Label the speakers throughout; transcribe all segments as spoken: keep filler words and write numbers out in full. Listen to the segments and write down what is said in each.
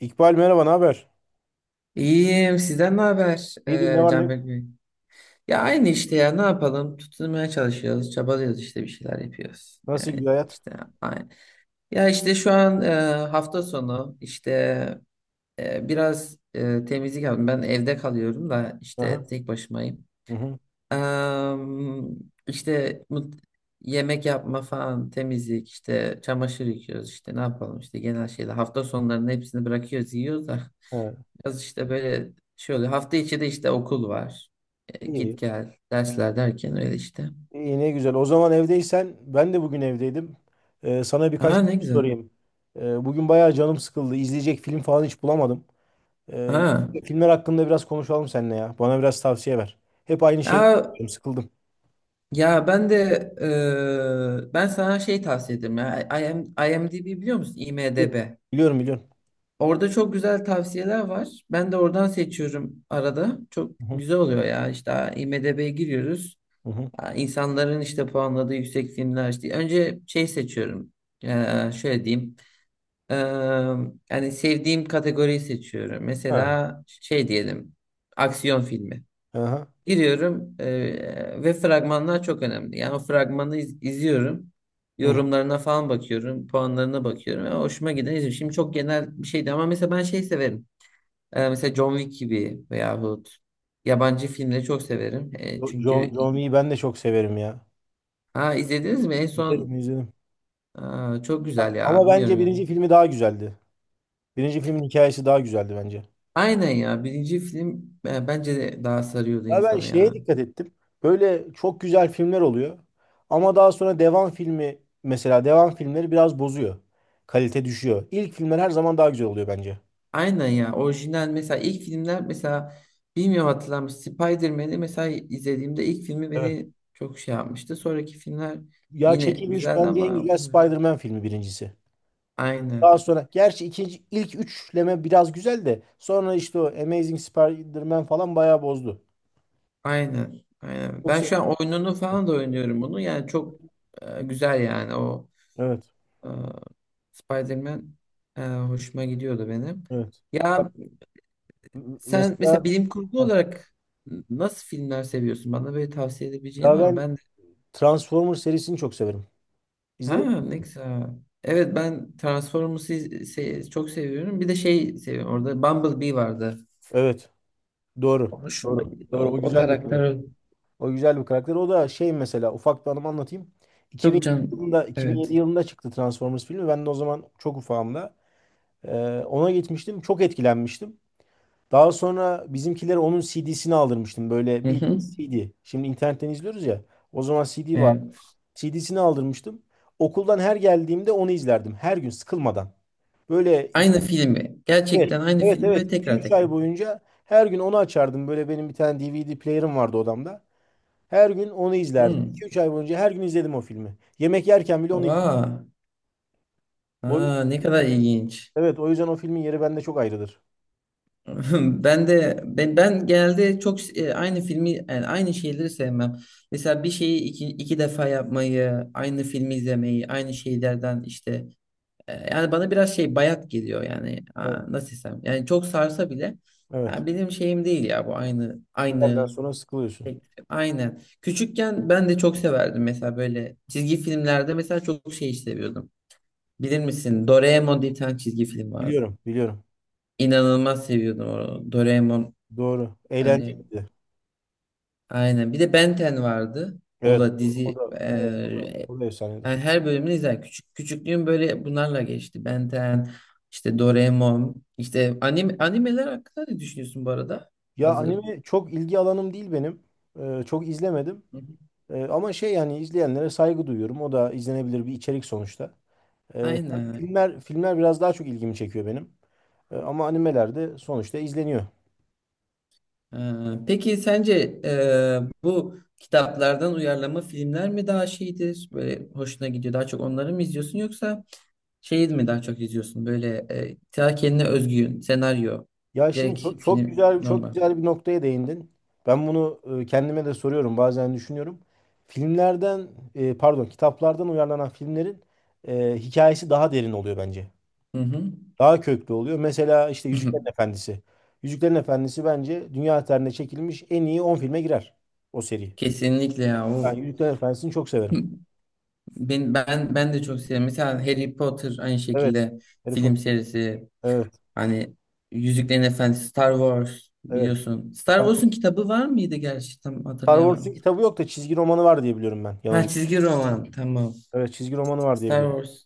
Speaker 1: İkbal merhaba, ne haber?
Speaker 2: İyiyim. Sizden ne haber
Speaker 1: İyidir, ne
Speaker 2: e,
Speaker 1: var ne yok?
Speaker 2: Canberk Bey? Ya aynı işte ya ne yapalım? Tutunmaya çalışıyoruz, çabalıyoruz işte bir şeyler yapıyoruz.
Speaker 1: Nasıl
Speaker 2: Yani
Speaker 1: gidiyor hayat?
Speaker 2: işte aynı. Ya işte şu an e, hafta sonu işte e, biraz e, temizlik yaptım. Ben evde kalıyorum da işte
Speaker 1: Aha.
Speaker 2: tek başımayım.
Speaker 1: Hı hı.
Speaker 2: Em, işte mut- yemek yapma falan, temizlik, işte çamaşır yıkıyoruz, işte ne yapalım işte genel şeyler. Hafta sonlarının hepsini bırakıyoruz, yiyoruz da
Speaker 1: Evet.
Speaker 2: biraz işte böyle şey oluyor. Hafta içi de işte okul var. E,
Speaker 1: İyi.
Speaker 2: git gel, dersler derken öyle işte.
Speaker 1: İyi, ne güzel. O zaman evdeysen, ben de bugün evdeydim. Ee, sana birkaç
Speaker 2: Aa
Speaker 1: bir
Speaker 2: ne
Speaker 1: şey
Speaker 2: güzel.
Speaker 1: sorayım. Ee, bugün bayağı canım sıkıldı. İzleyecek film falan hiç bulamadım. Ee,
Speaker 2: Ha.
Speaker 1: Filmler hakkında biraz konuşalım seninle ya. Bana biraz tavsiye ver. Hep aynı şey
Speaker 2: Ya,
Speaker 1: yapıyorum, sıkıldım.
Speaker 2: ya ben de e, ben sana şey tavsiye ederim ya. I- IM IMDb biliyor musun? IMDb.
Speaker 1: Biliyorum, biliyorum, biliyorum.
Speaker 2: Orada çok güzel tavsiyeler var. Ben de oradan seçiyorum arada. Çok
Speaker 1: Hı hı.
Speaker 2: güzel oluyor ya. İşte IMDb'ye giriyoruz.
Speaker 1: Hı hı.
Speaker 2: Aa, İnsanların işte puanladığı yüksek filmler işte. Önce şey seçiyorum. Ee, şöyle diyeyim. Ee, yani sevdiğim kategoriyi seçiyorum.
Speaker 1: Ha.
Speaker 2: Mesela şey diyelim. Aksiyon filmi.
Speaker 1: Aha.
Speaker 2: Giriyorum ee, ve fragmanlar çok önemli. Yani o fragmanı iz- izliyorum.
Speaker 1: Hı hı.
Speaker 2: Yorumlarına falan bakıyorum. Puanlarına bakıyorum. Ya hoşuma giden izliyorum. Şimdi çok genel bir şeydi ama mesela ben şey severim. Ee, mesela John Wick gibi veyahut yabancı filmleri çok severim. Ee,
Speaker 1: Jo- John,
Speaker 2: çünkü
Speaker 1: John Woo'yu ben de çok severim ya.
Speaker 2: ha, izlediniz mi en
Speaker 1: İzledim,
Speaker 2: son?
Speaker 1: izledim.
Speaker 2: Aa, çok güzel ya
Speaker 1: Ama bence
Speaker 2: bilmiyorum ya.
Speaker 1: birinci filmi daha güzeldi. Birinci filmin hikayesi daha güzeldi bence.
Speaker 2: Aynen ya birinci film e, bence de daha sarıyordu
Speaker 1: Ya ben
Speaker 2: insanı
Speaker 1: şeye
Speaker 2: ya.
Speaker 1: dikkat ettim. Böyle çok güzel filmler oluyor. Ama daha sonra devam filmi, mesela devam filmleri biraz bozuyor. Kalite düşüyor. İlk filmler her zaman daha güzel oluyor bence.
Speaker 2: Aynen ya orijinal mesela ilk filmler mesela bilmiyorum hatırlar mısın? Spider-Man'i mesela izlediğimde ilk filmi
Speaker 1: Evet.
Speaker 2: beni çok şey yapmıştı. Sonraki filmler
Speaker 1: Ya
Speaker 2: yine
Speaker 1: çekilmiş
Speaker 2: güzeldi
Speaker 1: bence en
Speaker 2: ama
Speaker 1: güzel Spider-Man filmi birincisi. Daha
Speaker 2: aynen.
Speaker 1: sonra gerçi ikinci, ilk üçleme biraz güzel de sonra işte o Amazing Spider-Man falan bayağı bozdu.
Speaker 2: Aynen. Aynen. Ben
Speaker 1: Yoksa
Speaker 2: şu an oyununu falan da oynuyorum bunu. Yani çok e, güzel yani o
Speaker 1: evet.
Speaker 2: e, Spider-Man e, hoşuma gidiyordu benim.
Speaker 1: Evet. Bak,
Speaker 2: Ya
Speaker 1: m-
Speaker 2: sen
Speaker 1: Mesela
Speaker 2: mesela bilim kurgu
Speaker 1: ha,
Speaker 2: olarak nasıl filmler seviyorsun? Bana böyle tavsiye edebileceğin
Speaker 1: ya
Speaker 2: var mı?
Speaker 1: ben
Speaker 2: Ben de
Speaker 1: Transformers serisini çok severim.
Speaker 2: ha
Speaker 1: İzledin mi?
Speaker 2: ne güzel. Evet ben Transformers'ı iz- se- çok seviyorum. Bir de şey seviyorum. Orada Bumblebee vardı.
Speaker 1: Evet. Doğru.
Speaker 2: O hoşuma
Speaker 1: Doğru.
Speaker 2: gidiyor. O,
Speaker 1: Doğru. O
Speaker 2: o
Speaker 1: güzel bir karakter.
Speaker 2: karakter
Speaker 1: O güzel bir karakter. O da şey, mesela ufak bir anımı anlatayım. 2007
Speaker 2: çok can.
Speaker 1: yılında 2007
Speaker 2: Evet.
Speaker 1: yılında çıktı Transformers filmi. Ben de o zaman çok ufağımda. Ee, Ona gitmiştim. Çok etkilenmiştim. Daha sonra bizimkilere onun C D'sini aldırmıştım. Böyle
Speaker 2: Hı
Speaker 1: bildiğin
Speaker 2: hı.
Speaker 1: C D. Şimdi internetten izliyoruz ya. O zaman C D var.
Speaker 2: Evet.
Speaker 1: C D'sini aldırmıştım. Okuldan her geldiğimde onu izlerdim. Her gün sıkılmadan. Böyle
Speaker 2: Aynı filmi.
Speaker 1: Evet,
Speaker 2: Gerçekten aynı
Speaker 1: evet,
Speaker 2: filmi
Speaker 1: evet.
Speaker 2: ve tekrar
Speaker 1: iki üç ay
Speaker 2: tekrar.
Speaker 1: boyunca her gün onu açardım. Böyle benim bir tane D V D player'ım vardı odamda. Her gün onu izlerdim. 2
Speaker 2: Hmm.
Speaker 1: üç ay boyunca her gün izledim o filmi. Yemek yerken bile onu izledim.
Speaker 2: Oha. Aa,
Speaker 1: O,
Speaker 2: ne kadar ilginç.
Speaker 1: evet, o yüzden o filmin yeri bende çok ayrıdır.
Speaker 2: Ben de ben, ben genelde çok e, aynı filmi yani aynı şeyleri sevmem. Mesela bir şeyi iki, iki defa yapmayı, aynı filmi izlemeyi, aynı şeylerden işte e, yani bana biraz şey bayat geliyor yani.
Speaker 1: Evet,
Speaker 2: Aa, nasıl desem? Yani çok sarsa bile
Speaker 1: evet.
Speaker 2: yani benim şeyim değil ya bu aynı
Speaker 1: Bir yerden
Speaker 2: aynı
Speaker 1: sonra sıkılıyorsun.
Speaker 2: Tek- aynen. Küçükken ben de çok severdim mesela böyle çizgi filmlerde mesela çok şey seviyordum. Bilir misin? Doraemon diye bir tane çizgi film vardı.
Speaker 1: Biliyorum, biliyorum.
Speaker 2: İnanılmaz seviyordum onu. Doraemon
Speaker 1: Doğru.
Speaker 2: hani
Speaker 1: Eğlenceliydi.
Speaker 2: aynen. Bir de Ben on vardı. O
Speaker 1: Evet,
Speaker 2: da
Speaker 1: o o
Speaker 2: dizi
Speaker 1: da, evet, o da,
Speaker 2: e,
Speaker 1: o da efsanedir.
Speaker 2: yani her bölümünü izler. Küçük küçüklüğüm böyle bunlarla geçti. Ben on, işte Doraemon, işte anime, animeler hakkında ne düşünüyorsun bu arada?
Speaker 1: Ya
Speaker 2: Hazır.
Speaker 1: anime çok ilgi alanım değil benim. Ee, çok izlemedim.
Speaker 2: Hı hı.
Speaker 1: Ee, ama şey, yani izleyenlere saygı duyuyorum. O da izlenebilir bir içerik sonuçta. Ee, tabii
Speaker 2: Aynen.
Speaker 1: filmler filmler biraz daha çok ilgimi çekiyor benim. Ee, ama animeler de sonuçta izleniyor.
Speaker 2: Ee, peki sence e, bu kitaplardan uyarlama filmler mi daha şeydir? Böyle hoşuna gidiyor. Daha çok onları mı izliyorsun yoksa şey mi daha çok izliyorsun? Böyle e, ta kendine özgü senaryo.
Speaker 1: Ya şimdi çok,
Speaker 2: Direkt
Speaker 1: çok
Speaker 2: film
Speaker 1: güzel, çok
Speaker 2: normal.
Speaker 1: güzel bir noktaya değindin. Ben bunu e, kendime de soruyorum, bazen düşünüyorum. Filmlerden e, pardon, kitaplardan uyarlanan filmlerin e, hikayesi daha derin oluyor bence.
Speaker 2: Hı hı.
Speaker 1: Daha köklü oluyor. Mesela işte Yüzüklerin Efendisi. Yüzüklerin Efendisi bence dünya tarihinde çekilmiş en iyi on filme girer, o seri.
Speaker 2: Kesinlikle ya
Speaker 1: Ben
Speaker 2: o.
Speaker 1: Yüzüklerin Efendisi'ni çok severim.
Speaker 2: Ben, ben ben de çok seviyorum. Mesela Harry Potter aynı
Speaker 1: Evet.
Speaker 2: şekilde
Speaker 1: Harry
Speaker 2: film
Speaker 1: Potter.
Speaker 2: serisi.
Speaker 1: Evet,
Speaker 2: Hani Yüzüklerin Efendisi, Star Wars
Speaker 1: evet.
Speaker 2: biliyorsun. Star Wars'un kitabı var mıydı gerçi? Tam
Speaker 1: Star Wars'un
Speaker 2: hatırlayamadım.
Speaker 1: kitabı yok da çizgi romanı var diye biliyorum ben.
Speaker 2: Ha
Speaker 1: Yanılmıyorum.
Speaker 2: çizgi roman tamam.
Speaker 1: Evet, çizgi romanı var diye
Speaker 2: Star
Speaker 1: biliyorum.
Speaker 2: Wars.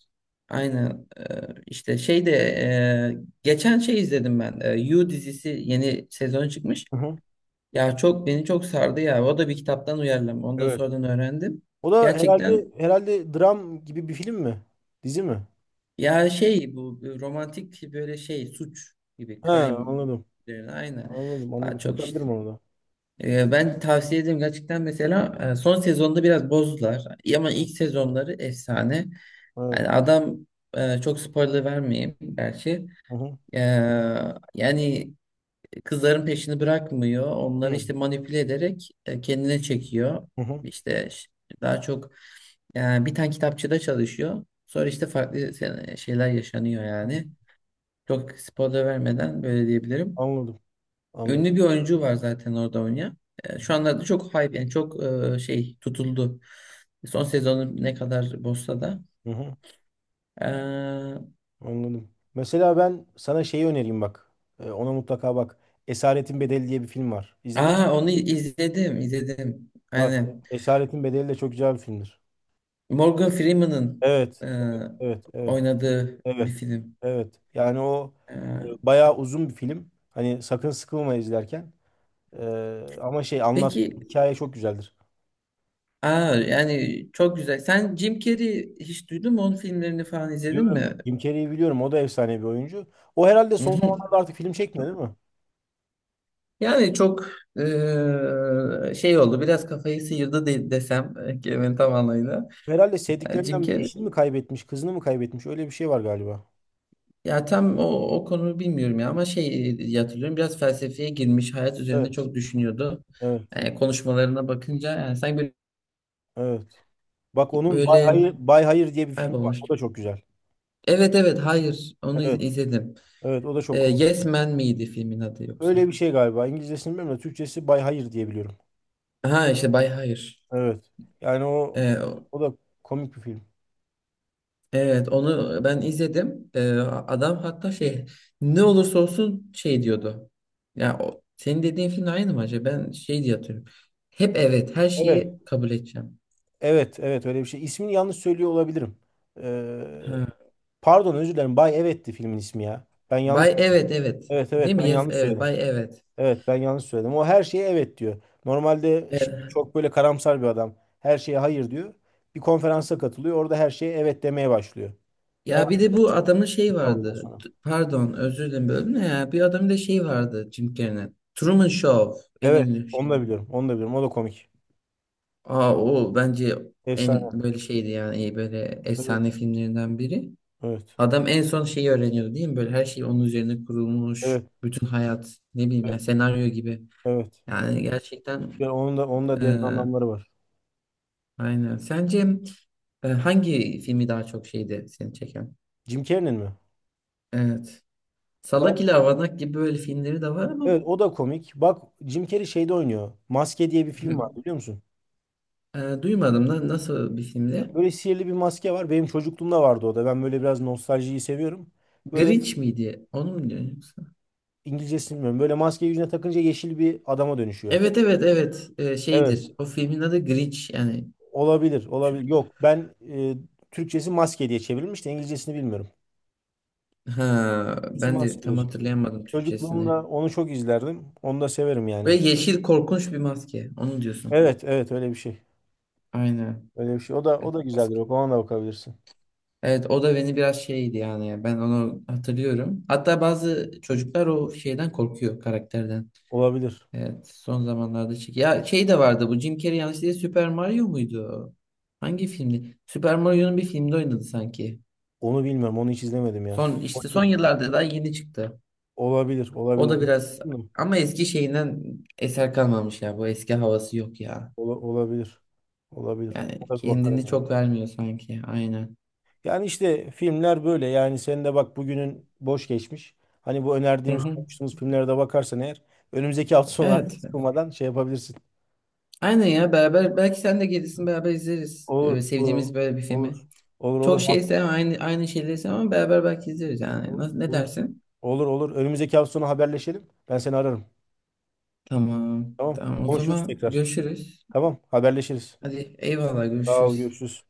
Speaker 2: Aynen. Ee, işte şey de e, geçen şey izledim ben. Ee, You dizisi yeni sezon çıkmış.
Speaker 1: Hı hı.
Speaker 2: Ya çok beni çok sardı ya. O da bir kitaptan uyarlama. Onu da
Speaker 1: Evet.
Speaker 2: sonradan öğrendim.
Speaker 1: O da herhalde,
Speaker 2: Gerçekten
Speaker 1: herhalde dram gibi bir film mi? Dizi mi?
Speaker 2: ya şey bu bu romantik böyle şey suç gibi
Speaker 1: He,
Speaker 2: crime
Speaker 1: anladım.
Speaker 2: üzerine aynen.
Speaker 1: Anladım,
Speaker 2: Daha
Speaker 1: anladım.
Speaker 2: çok
Speaker 1: Bakabilirim
Speaker 2: işte
Speaker 1: ona da.
Speaker 2: Ee, ben tavsiye ederim gerçekten mesela e, son sezonda biraz bozdular ama ilk sezonları efsane.
Speaker 1: Evet.
Speaker 2: Yani adam e, çok spoiler vermeyeyim gerçi.
Speaker 1: Hı hı.
Speaker 2: E, yani kızların peşini bırakmıyor. Onları
Speaker 1: Hı
Speaker 2: işte manipüle ederek e, kendine çekiyor.
Speaker 1: hı.
Speaker 2: İşte ş- daha çok e, bir tane kitapçıda çalışıyor. Sonra işte farklı se- şeyler yaşanıyor
Speaker 1: Hı.
Speaker 2: yani. Çok spoiler vermeden böyle diyebilirim.
Speaker 1: Anladım. Anladım.
Speaker 2: Ünlü bir oyuncu var zaten orada oynayan. E,
Speaker 1: Hı hı.
Speaker 2: Şu anlarda çok hype yani çok e, şey tutuldu. Son sezonu ne kadar bozsa da.
Speaker 1: Hı hı.
Speaker 2: E,
Speaker 1: Anladım. Mesela ben sana şeyi önereyim bak. Ee, ona mutlaka bak. Esaretin Bedeli diye bir film var. İzledin mi?
Speaker 2: Aa onu izledim izledim.
Speaker 1: Bak,
Speaker 2: Aynen.
Speaker 1: Esaretin Bedeli de çok güzel bir filmdir.
Speaker 2: Morgan Freeman'ın
Speaker 1: Evet.
Speaker 2: e,
Speaker 1: Evet. Evet.
Speaker 2: oynadığı bir
Speaker 1: Evet.
Speaker 2: film.
Speaker 1: Evet. Yani o
Speaker 2: E,
Speaker 1: e, bayağı uzun bir film. Hani sakın sıkılma izlerken. Ee, ama şey, anlattığı
Speaker 2: peki
Speaker 1: hikaye çok güzeldir.
Speaker 2: aa, yani çok güzel. Sen Jim Carrey hiç duydun mu? Onun filmlerini falan izledin mi?
Speaker 1: Diyorum, Jim Carrey'i biliyorum. O da efsane bir oyuncu. O herhalde
Speaker 2: Hı
Speaker 1: son
Speaker 2: hı.
Speaker 1: zamanlarda artık film çekmiyor, değil mi?
Speaker 2: Yani çok e, şey oldu. Biraz kafayı sıyırdı de, desem e, kelimenin tam anlamıyla.
Speaker 1: Herhalde
Speaker 2: Yani Jim
Speaker 1: sevdiklerinden
Speaker 2: Carrey
Speaker 1: eşini mi kaybetmiş, kızını mı kaybetmiş? Öyle bir şey var galiba.
Speaker 2: ya tam o, o konuyu bilmiyorum ya ama şey e, diye hatırlıyorum biraz felsefeye girmiş hayat
Speaker 1: Evet.
Speaker 2: üzerinde çok düşünüyordu.
Speaker 1: Evet.
Speaker 2: Yani konuşmalarına bakınca yani sanki böyle,
Speaker 1: Evet. Bak, onun Bay
Speaker 2: böyle
Speaker 1: Hayır, Bay Hayır diye bir film var.
Speaker 2: kaybolmuş
Speaker 1: O
Speaker 2: gibi.
Speaker 1: da çok güzel.
Speaker 2: Evet evet hayır onu
Speaker 1: Evet.
Speaker 2: iz- izledim.
Speaker 1: Evet. O da
Speaker 2: Ee,
Speaker 1: çok.
Speaker 2: Yes Man miydi filmin adı
Speaker 1: Öyle
Speaker 2: yoksa?
Speaker 1: bir şey galiba. İngilizcesini bilmiyorum da Türkçesi Bay Hayır diye biliyorum.
Speaker 2: Ha işte Bay Hayır.
Speaker 1: Evet. Yani o
Speaker 2: Ee, o-
Speaker 1: o da komik bir film.
Speaker 2: evet onu ben izledim. Ee, adam hatta şey ne olursa olsun şey diyordu. Ya o, senin dediğin film aynı mı acaba? Ben şey diye hatırlıyorum. Hep evet her
Speaker 1: Evet.
Speaker 2: şeyi kabul edeceğim.
Speaker 1: Evet, evet, öyle bir şey. İsmini yanlış söylüyor olabilirim. Ee,
Speaker 2: Ha.
Speaker 1: Pardon, özür dilerim. Bay Evet'ti filmin ismi ya. Ben yanlış.
Speaker 2: Bay evet evet.
Speaker 1: Evet,
Speaker 2: Değil
Speaker 1: evet,
Speaker 2: mi?
Speaker 1: ben
Speaker 2: Yes
Speaker 1: yanlış
Speaker 2: evet.
Speaker 1: söyledim.
Speaker 2: Bay evet.
Speaker 1: Evet, ben yanlış söyledim. O her şeye evet diyor. Normalde şey,
Speaker 2: Evet.
Speaker 1: çok böyle karamsar bir adam. Her şeye hayır diyor. Bir konferansa katılıyor. Orada her şeye evet demeye başlıyor.
Speaker 2: Ya bir
Speaker 1: Hayatına
Speaker 2: de bu adamın şey
Speaker 1: oluyor
Speaker 2: vardı.
Speaker 1: sonra.
Speaker 2: T- Pardon özür dilerim böldüm de ya. Bir adamın da şey vardı Jim Carrey'nin. Truman Show en
Speaker 1: Evet,
Speaker 2: ünlü
Speaker 1: onu da
Speaker 2: şeydi.
Speaker 1: biliyorum. Onu da biliyorum. O da komik.
Speaker 2: Aa o bence en
Speaker 1: Efsane.
Speaker 2: böyle şeydi yani e, böyle
Speaker 1: Evet.
Speaker 2: efsane filmlerinden biri.
Speaker 1: Evet.
Speaker 2: Adam en son şeyi öğreniyordu değil mi? Böyle her şey onun üzerine
Speaker 1: Evet.
Speaker 2: kurulmuş. Bütün hayat ne bileyim yani
Speaker 1: Evet.
Speaker 2: senaryo gibi.
Speaker 1: Evet.
Speaker 2: Yani gerçekten
Speaker 1: Ya onun da, onun da
Speaker 2: e,
Speaker 1: derin anlamları var.
Speaker 2: aynen. Sence e, hangi filmi daha çok şeydi seni çeken?
Speaker 1: Jim Carrey'nin mi?
Speaker 2: Evet.
Speaker 1: Ya,
Speaker 2: Salak ile Avanak gibi böyle filmleri de var ama
Speaker 1: evet o da komik. Bak, Jim Carrey şeyde oynuyor. Maske diye bir film var, biliyor musun?
Speaker 2: e, duymadım da nasıl bir filmdi?
Speaker 1: Böyle sihirli bir maske var. Benim çocukluğumda vardı o da. Ben böyle biraz nostaljiyi seviyorum. Böyle
Speaker 2: Grinch miydi? Onu mu diyorsun yoksa?
Speaker 1: İngilizcesini bilmiyorum. Böyle maskeyi yüzüne takınca yeşil bir adama dönüşüyor.
Speaker 2: Evet evet evet E,
Speaker 1: Evet.
Speaker 2: şeydir. O filmin adı Grinch yani.
Speaker 1: Olabilir,
Speaker 2: Türk-
Speaker 1: olabilir. Yok, ben e, Türkçesi maske diye çevrilmiş de İngilizcesini bilmiyorum.
Speaker 2: Ha,
Speaker 1: Türkçesi
Speaker 2: ben
Speaker 1: maske
Speaker 2: de
Speaker 1: diye
Speaker 2: tam
Speaker 1: çevrilmiş.
Speaker 2: hatırlayamadım Türkçesini.
Speaker 1: Çocukluğumda onu çok izlerdim. Onu da severim yani.
Speaker 2: Böyle yeşil korkunç bir maske. Onu diyorsun.
Speaker 1: Evet, evet, öyle bir şey.
Speaker 2: Aynen.
Speaker 1: Öyle bir şey. O da o
Speaker 2: Evet,
Speaker 1: da güzeldir.
Speaker 2: maske.
Speaker 1: Bak, ona da bakabilirsin.
Speaker 2: Evet, o da beni biraz şeydi yani. Ben onu hatırlıyorum. Hatta bazı çocuklar o şeyden korkuyor karakterden.
Speaker 1: Olabilir.
Speaker 2: Evet, son zamanlarda çık. Ya şey de vardı bu Jim Carrey yanlış değil Super Mario muydu? Hangi filmdi? Super Mario'nun bir filmde oynadı sanki.
Speaker 1: Onu bilmiyorum. Onu hiç izlemedim ya.
Speaker 2: Son işte son
Speaker 1: Bakayım.
Speaker 2: yıllarda daha yeni çıktı.
Speaker 1: Olabilir. Olabilir.
Speaker 2: O da
Speaker 1: Onu
Speaker 2: biraz
Speaker 1: bilmiyorum.
Speaker 2: ama eski şeyinden eser kalmamış ya. Bu eski havası yok ya.
Speaker 1: Ola- olabilir. Olabilir.
Speaker 2: Yani
Speaker 1: Ona bir
Speaker 2: kendini
Speaker 1: bakarım ya.
Speaker 2: çok vermiyor sanki. Aynen.
Speaker 1: Yani işte filmler böyle. Yani sen de bak, bugünün boş geçmiş. Hani bu
Speaker 2: Hı
Speaker 1: önerdiğimiz,
Speaker 2: hı.
Speaker 1: konuştuğumuz filmlere de bakarsan eğer, önümüzdeki hafta sonu artık
Speaker 2: Evet.
Speaker 1: sıkılmadan şey yapabilirsin.
Speaker 2: Aynen ya beraber belki sen de gelirsin beraber izleriz. Ee,
Speaker 1: Olur. Olur.
Speaker 2: sevdiğimiz böyle bir
Speaker 1: Olur.
Speaker 2: filmi.
Speaker 1: Olur.
Speaker 2: Çok
Speaker 1: Olur. Ha-
Speaker 2: şeyse aynı aynı şeyleri ama beraber belki izleriz yani. Nasıl, ne
Speaker 1: Olur.
Speaker 2: dersin?
Speaker 1: Olur. Olur. Önümüzdeki hafta sonu haberleşelim. Ben seni ararım.
Speaker 2: Tamam.
Speaker 1: Tamam.
Speaker 2: Tamam o
Speaker 1: Konuşuruz
Speaker 2: zaman
Speaker 1: tekrar.
Speaker 2: görüşürüz.
Speaker 1: Tamam. Haberleşiriz.
Speaker 2: Hadi eyvallah
Speaker 1: Sağ ol.
Speaker 2: görüşürüz.
Speaker 1: Görüşürüz.